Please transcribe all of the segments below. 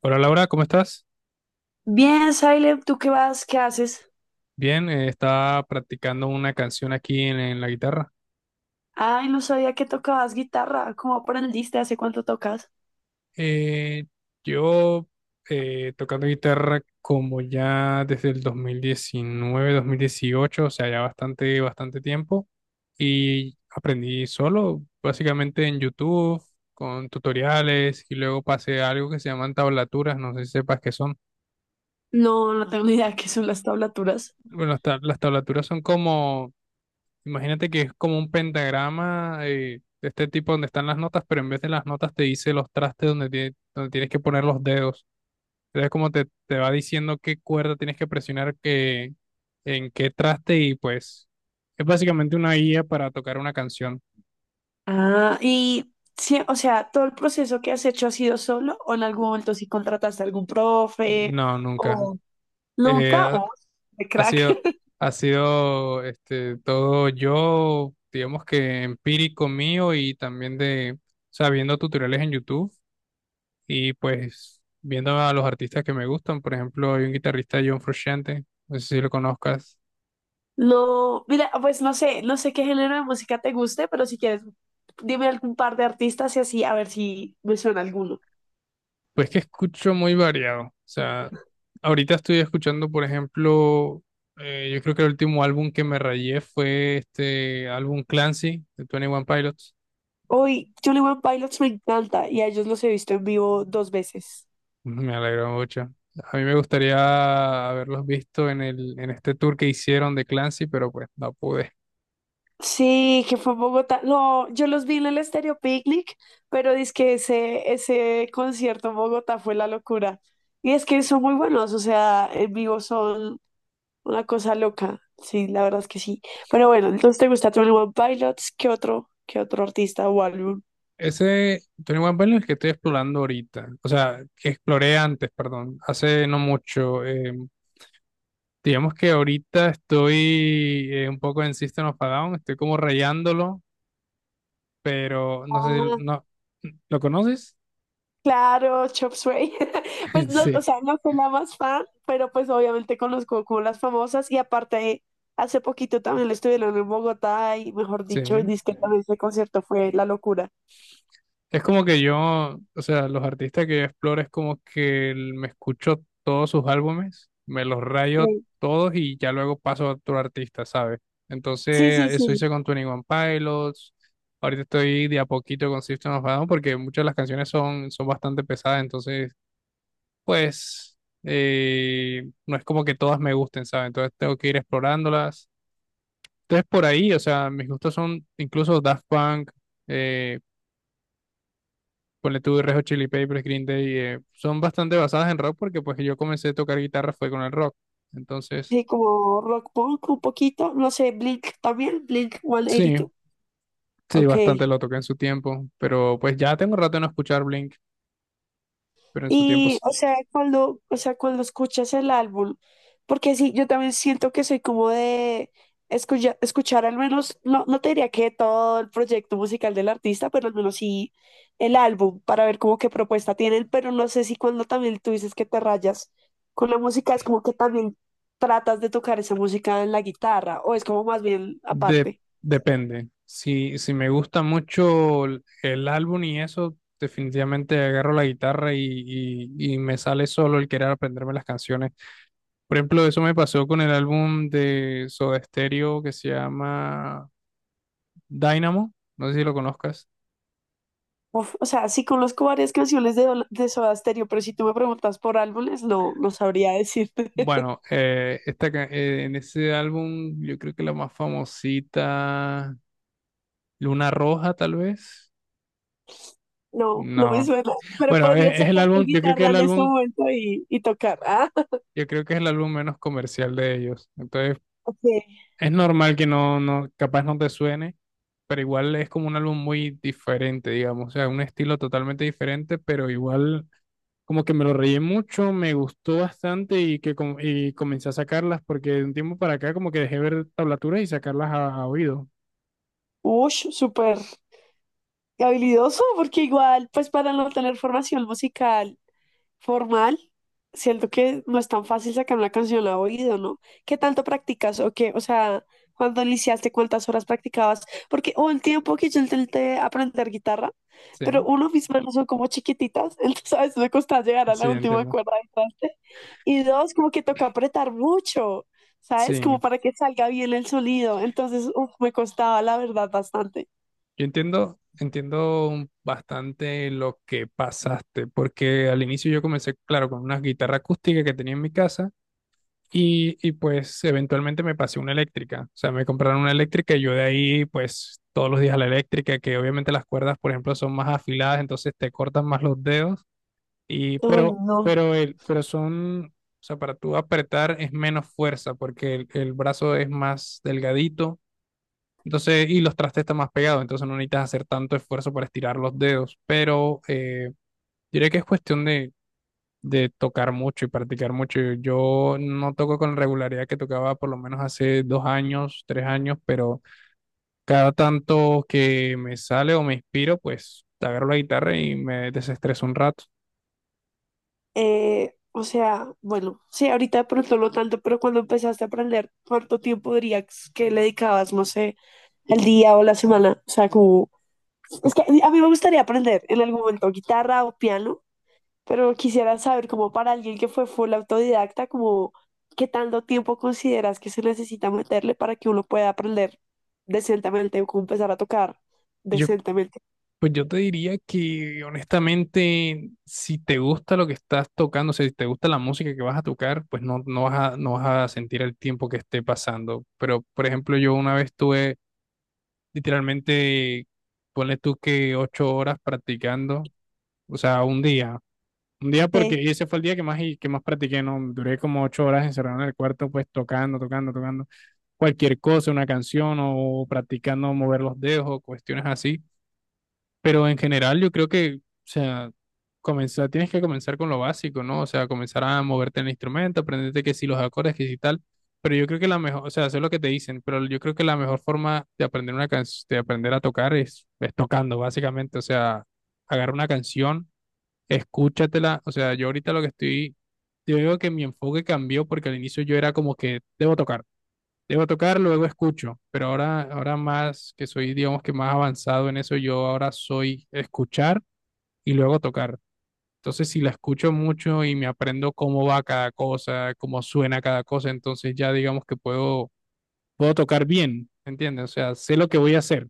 Hola Laura, ¿cómo estás? Bien, Silent, ¿tú qué vas? ¿Qué haces? Bien, estaba practicando una canción aquí en la guitarra. Ay, no sabía que tocabas guitarra. ¿Cómo aprendiste? ¿Hace cuánto tocas? Eh, yo tocando guitarra como ya desde el 2019, 2018, o sea, ya bastante, bastante tiempo. Y aprendí solo, básicamente en YouTube, con tutoriales, y luego pasé a algo que se llaman tablaturas, no sé si sepas qué son. No, no tengo ni idea de qué son las tablaturas. Bueno, las tablaturas son como, imagínate, que es como un pentagrama, de este tipo donde están las notas, pero en vez de las notas te dice los trastes donde, donde tienes que poner los dedos. Entonces como te va diciendo qué cuerda tienes que presionar, en qué traste, y pues es básicamente una guía para tocar una canción. Ah, y sí, o sea, ¿todo el proceso que has hecho ha sido solo o en algún momento sí contrataste a algún profe No, nunca. o Eh, nunca ha, o de ha crack? sido, ha sido, este, todo yo, digamos que empírico mío y también de, sabiendo tutoriales en YouTube. Y pues viendo a los artistas que me gustan, por ejemplo, hay un guitarrista, John Frusciante, no sé si lo conozcas, No, mira, pues no sé, no sé qué género de música te guste, pero si quieres, dime algún par de artistas y así a ver si me suena alguno. pues que escucho muy variado. O sea, ahorita estoy escuchando, por ejemplo, yo creo que el último álbum que me rayé fue este álbum Clancy de Twenty One Pilots. Hoy, Johnny One Pilots me encanta y a ellos los he visto en vivo dos veces. Me alegró mucho. A mí me gustaría haberlos visto en este tour que hicieron de Clancy, pero pues no pude. Sí, que fue en Bogotá. No, yo los vi en el Estéreo Picnic, pero es que ese concierto en Bogotá fue la locura. Y es que son muy buenos, o sea, en vivo son una cosa loca. Sí, la verdad es que sí. Pero bueno, entonces te gusta Twenty One Pilots, ¿qué otro artista o álbum? Ese Tony One Pilots es el que estoy explorando ahorita, o sea, que exploré antes, perdón, hace no mucho. Digamos que ahorita estoy, un poco, en System of a Down, estoy como rayándolo, pero no sé, Ah, no, ¿lo conoces? claro, Chop Suey. Pues no, o Sí, sea, no soy la más fan, pero pues obviamente conozco como las famosas y aparte hace poquito también lo estuvieron en Bogotá y mejor sí. dicho, dice que también ese concierto fue la locura. Es como que yo, o sea, los artistas que yo exploro es como que me escucho todos sus álbumes, me los rayo Sí, todos y ya luego paso a otro artista, ¿sabes? sí, Entonces, sí, eso sí, hice con Twenty One Pilots. Ahorita estoy de a poquito con System of a Down porque muchas de las canciones son, son bastante pesadas, entonces, pues, no es como que todas me gusten, ¿sabes? Entonces tengo que ir explorándolas. Entonces, por ahí, o sea, mis gustos son incluso Daft Punk. eh, Ponle tú Red Hot Chili Peppers, Green Day, son bastante basadas en rock, porque pues yo comencé a tocar guitarra fue con el rock. Entonces, sí, como rock punk un poquito, no sé, Blink también, Blink sí, 182. sí, Ok. bastante lo toqué en su tiempo, pero pues ya tengo rato de no escuchar Blink, pero en su tiempo Y, sí. O sea, cuando escuchas el álbum, porque sí, yo también siento que soy como de escuchar al menos, no, no te diría que todo el proyecto musical del artista, pero al menos sí el álbum para ver como qué propuesta tienen, pero no sé si cuando también tú dices que te rayas con la música es como que también tratas de tocar esa música en la guitarra o es como más bien De- aparte. depende. Si me gusta mucho el álbum y eso, definitivamente agarro la guitarra y me sale solo el querer aprenderme las canciones. Por ejemplo, eso me pasó con el álbum de Soda Stereo que se llama Dynamo, no sé si lo conozcas. Uf, o sea, sí conozco varias canciones de, de Soda Stereo, pero si tú me preguntas por álbumes, no, no sabría decirte. Bueno, en ese álbum yo creo que la más famosita, Luna Roja tal vez. No, no me No. suena, pero Bueno, podrías es el sacar tu álbum, yo creo que guitarra el en este álbum, momento y tocar. Ah, yo creo que es el álbum menos comercial de ellos. Entonces, ok. es normal que no, no, capaz no te suene, pero igual es como un álbum muy diferente, digamos. O sea, un estilo totalmente diferente, pero igual como que me lo reí mucho, me gustó bastante, y que y comencé a sacarlas porque de un tiempo para acá como que dejé ver tablaturas y sacarlas a oído. Ush, súper habilidoso, porque igual, pues para no tener formación musical, formal, siento que no es tan fácil sacar una canción a oído, ¿no? ¿Qué tanto practicas o qué? O sea, cuando iniciaste, ¿cuántas horas practicabas? Porque hubo el tiempo que yo intenté aprender guitarra, Sí, pero uno, mis manos son como chiquititas, entonces a veces me costaba llegar a la sí, última entiendo. cuerda del traste. Y dos, como que toca apretar mucho, ¿sabes? Como Sí, para que salga bien el sonido. Entonces, uf, me costaba, la verdad, bastante. yo entiendo, bastante lo que pasaste, porque al inicio yo comencé, claro, con una guitarra acústica que tenía en mi casa y pues eventualmente me pasé una eléctrica, o sea, me compraron una eléctrica y yo de ahí pues todos los días a la eléctrica, que obviamente las cuerdas, por ejemplo, son más afiladas, entonces te cortan más los dedos y Ay, no. pero el pero son O sea, para tú apretar es menos fuerza porque el brazo es más delgadito. Entonces, y los trastes están más pegados, entonces no necesitas hacer tanto esfuerzo para estirar los dedos, pero diré que es cuestión de tocar mucho y practicar mucho. Yo no toco con la regularidad que tocaba por lo menos hace 2 años, 3 años, pero cada tanto que me sale o me inspiro, pues agarro la guitarra y me desestreso un rato. O sea, bueno, sí, ahorita de pronto no tanto, pero cuando empezaste a aprender, ¿cuánto tiempo dirías que le dedicabas, no sé, el día o la semana? O sea, como, es que a mí me gustaría aprender en algún momento guitarra o piano, pero quisiera saber, como para alguien que fue full autodidacta, como, ¿qué tanto tiempo consideras que se necesita meterle para que uno pueda aprender decentemente o como empezar a tocar Yo decentemente? Pues yo te diría que, honestamente, si te gusta lo que estás tocando, o sea, si te gusta la música que vas a tocar, pues no, no vas a sentir el tiempo que esté pasando. Pero, por ejemplo, yo una vez tuve, literalmente, ponle tú, que 8 horas practicando, o sea, un día. Un día, porque ese fue el día que más, que más practiqué, ¿no? Duré como 8 horas encerrado en el cuarto, pues tocando, tocando, tocando cualquier cosa, una canción, o practicando mover los dedos o cuestiones así. Pero en general yo creo que, o sea, comenzar, tienes que comenzar con lo básico, ¿no? O sea, comenzar a moverte en el instrumento, aprenderte que si los acordes, que si tal. Pero yo creo que la mejor, o sea, hacer lo que te dicen, pero yo creo que la mejor forma de aprender de aprender a tocar es tocando, básicamente. O sea, agarra una canción, escúchatela. O sea, yo ahorita lo que estoy, yo digo que mi enfoque cambió porque al inicio yo era como que debo tocar. Debo tocar, luego escucho, pero ahora, ahora más que soy, digamos que más avanzado en eso, yo ahora soy escuchar y luego tocar. Entonces, si la escucho mucho y me aprendo cómo va cada cosa, cómo suena cada cosa, entonces ya digamos que puedo, puedo tocar bien, ¿entiendes? O sea, sé lo que voy a hacer.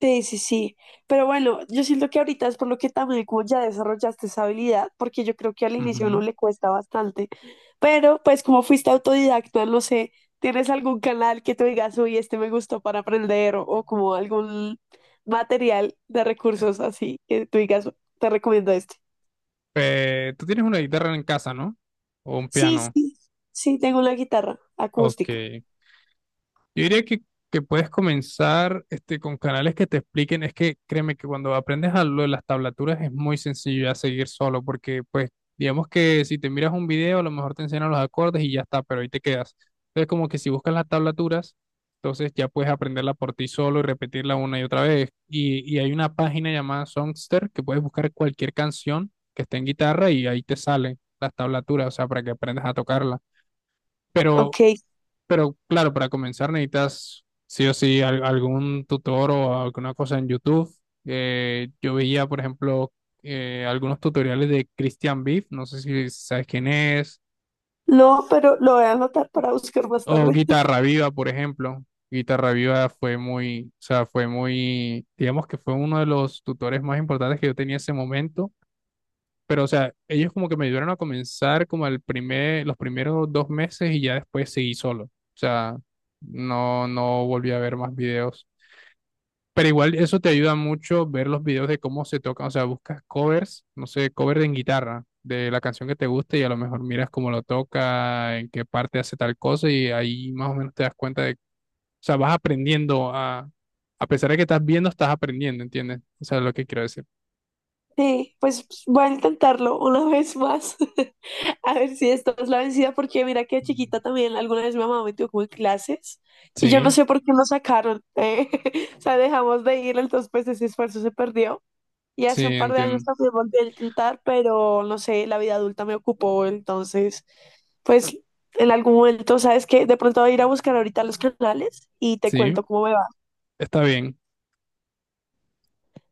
Sí, sí, sí. Pero bueno, yo siento que ahorita es por lo que también como ya desarrollaste esa habilidad, porque yo creo que al inicio Ujú. no le cuesta bastante. Pero pues como fuiste autodidacta, no sé, ¿tienes algún canal que tú digas, uy, este me gustó para aprender o como algún material de recursos así que tú digas, te recomiendo este? ¿Tú tienes una guitarra en casa, no? O un Sí, piano. sí, sí, tengo una guitarra Ok. acústica. Yo diría que, puedes comenzar, este, con canales que te expliquen. Es que créeme que cuando aprendes a lo de las tablaturas es muy sencillo ya seguir solo, porque pues digamos que si te miras un video, a lo mejor te enseñan los acordes y ya está, pero ahí te quedas. Entonces, como que si buscas las tablaturas, entonces ya puedes aprenderla por ti solo y repetirla una y otra vez. Y hay una página llamada Songster que puedes buscar cualquier canción que esté en guitarra y ahí te salen las tablaturas, o sea, para que aprendas a tocarla. Pero, Ok. Claro, para comenzar necesitas sí o sí algún tutor o alguna cosa en YouTube. Yo veía, por ejemplo, algunos tutoriales de Christian Beef, no sé si sabes quién es, No, pero lo voy a anotar para buscar más o tarde. Guitarra Viva, por ejemplo. Guitarra Viva fue muy, o sea, fue muy, digamos que fue uno de los tutores más importantes que yo tenía en ese momento. Pero, o sea, ellos como que me ayudaron a comenzar como el primer, los primeros 2 meses, y ya después seguí solo. O sea, no volví a ver más videos. Pero igual eso te ayuda mucho, ver los videos de cómo se tocan, o sea, buscas covers, no sé, cover en guitarra de la canción que te guste y a lo mejor miras cómo lo toca, en qué parte hace tal cosa y ahí más o menos te das cuenta de, o sea, vas aprendiendo a pesar de que estás viendo, estás aprendiendo, ¿entiendes? O sea, es lo que quiero decir. Sí, pues voy a intentarlo una vez más. A ver si esta es la vencida, porque mira que de chiquita también alguna vez mi mamá me tuvo como en clases y yo no Sí, sé por qué nos sacaron. O sea, dejamos de ir, entonces pues ese esfuerzo se perdió. Y sí, hace un par de años entiendo. también volví a intentar, pero no sé, la vida adulta me ocupó, entonces pues en algún momento, ¿sabes qué? De pronto voy a ir a buscar ahorita los canales y te Sí, cuento cómo me va. está bien.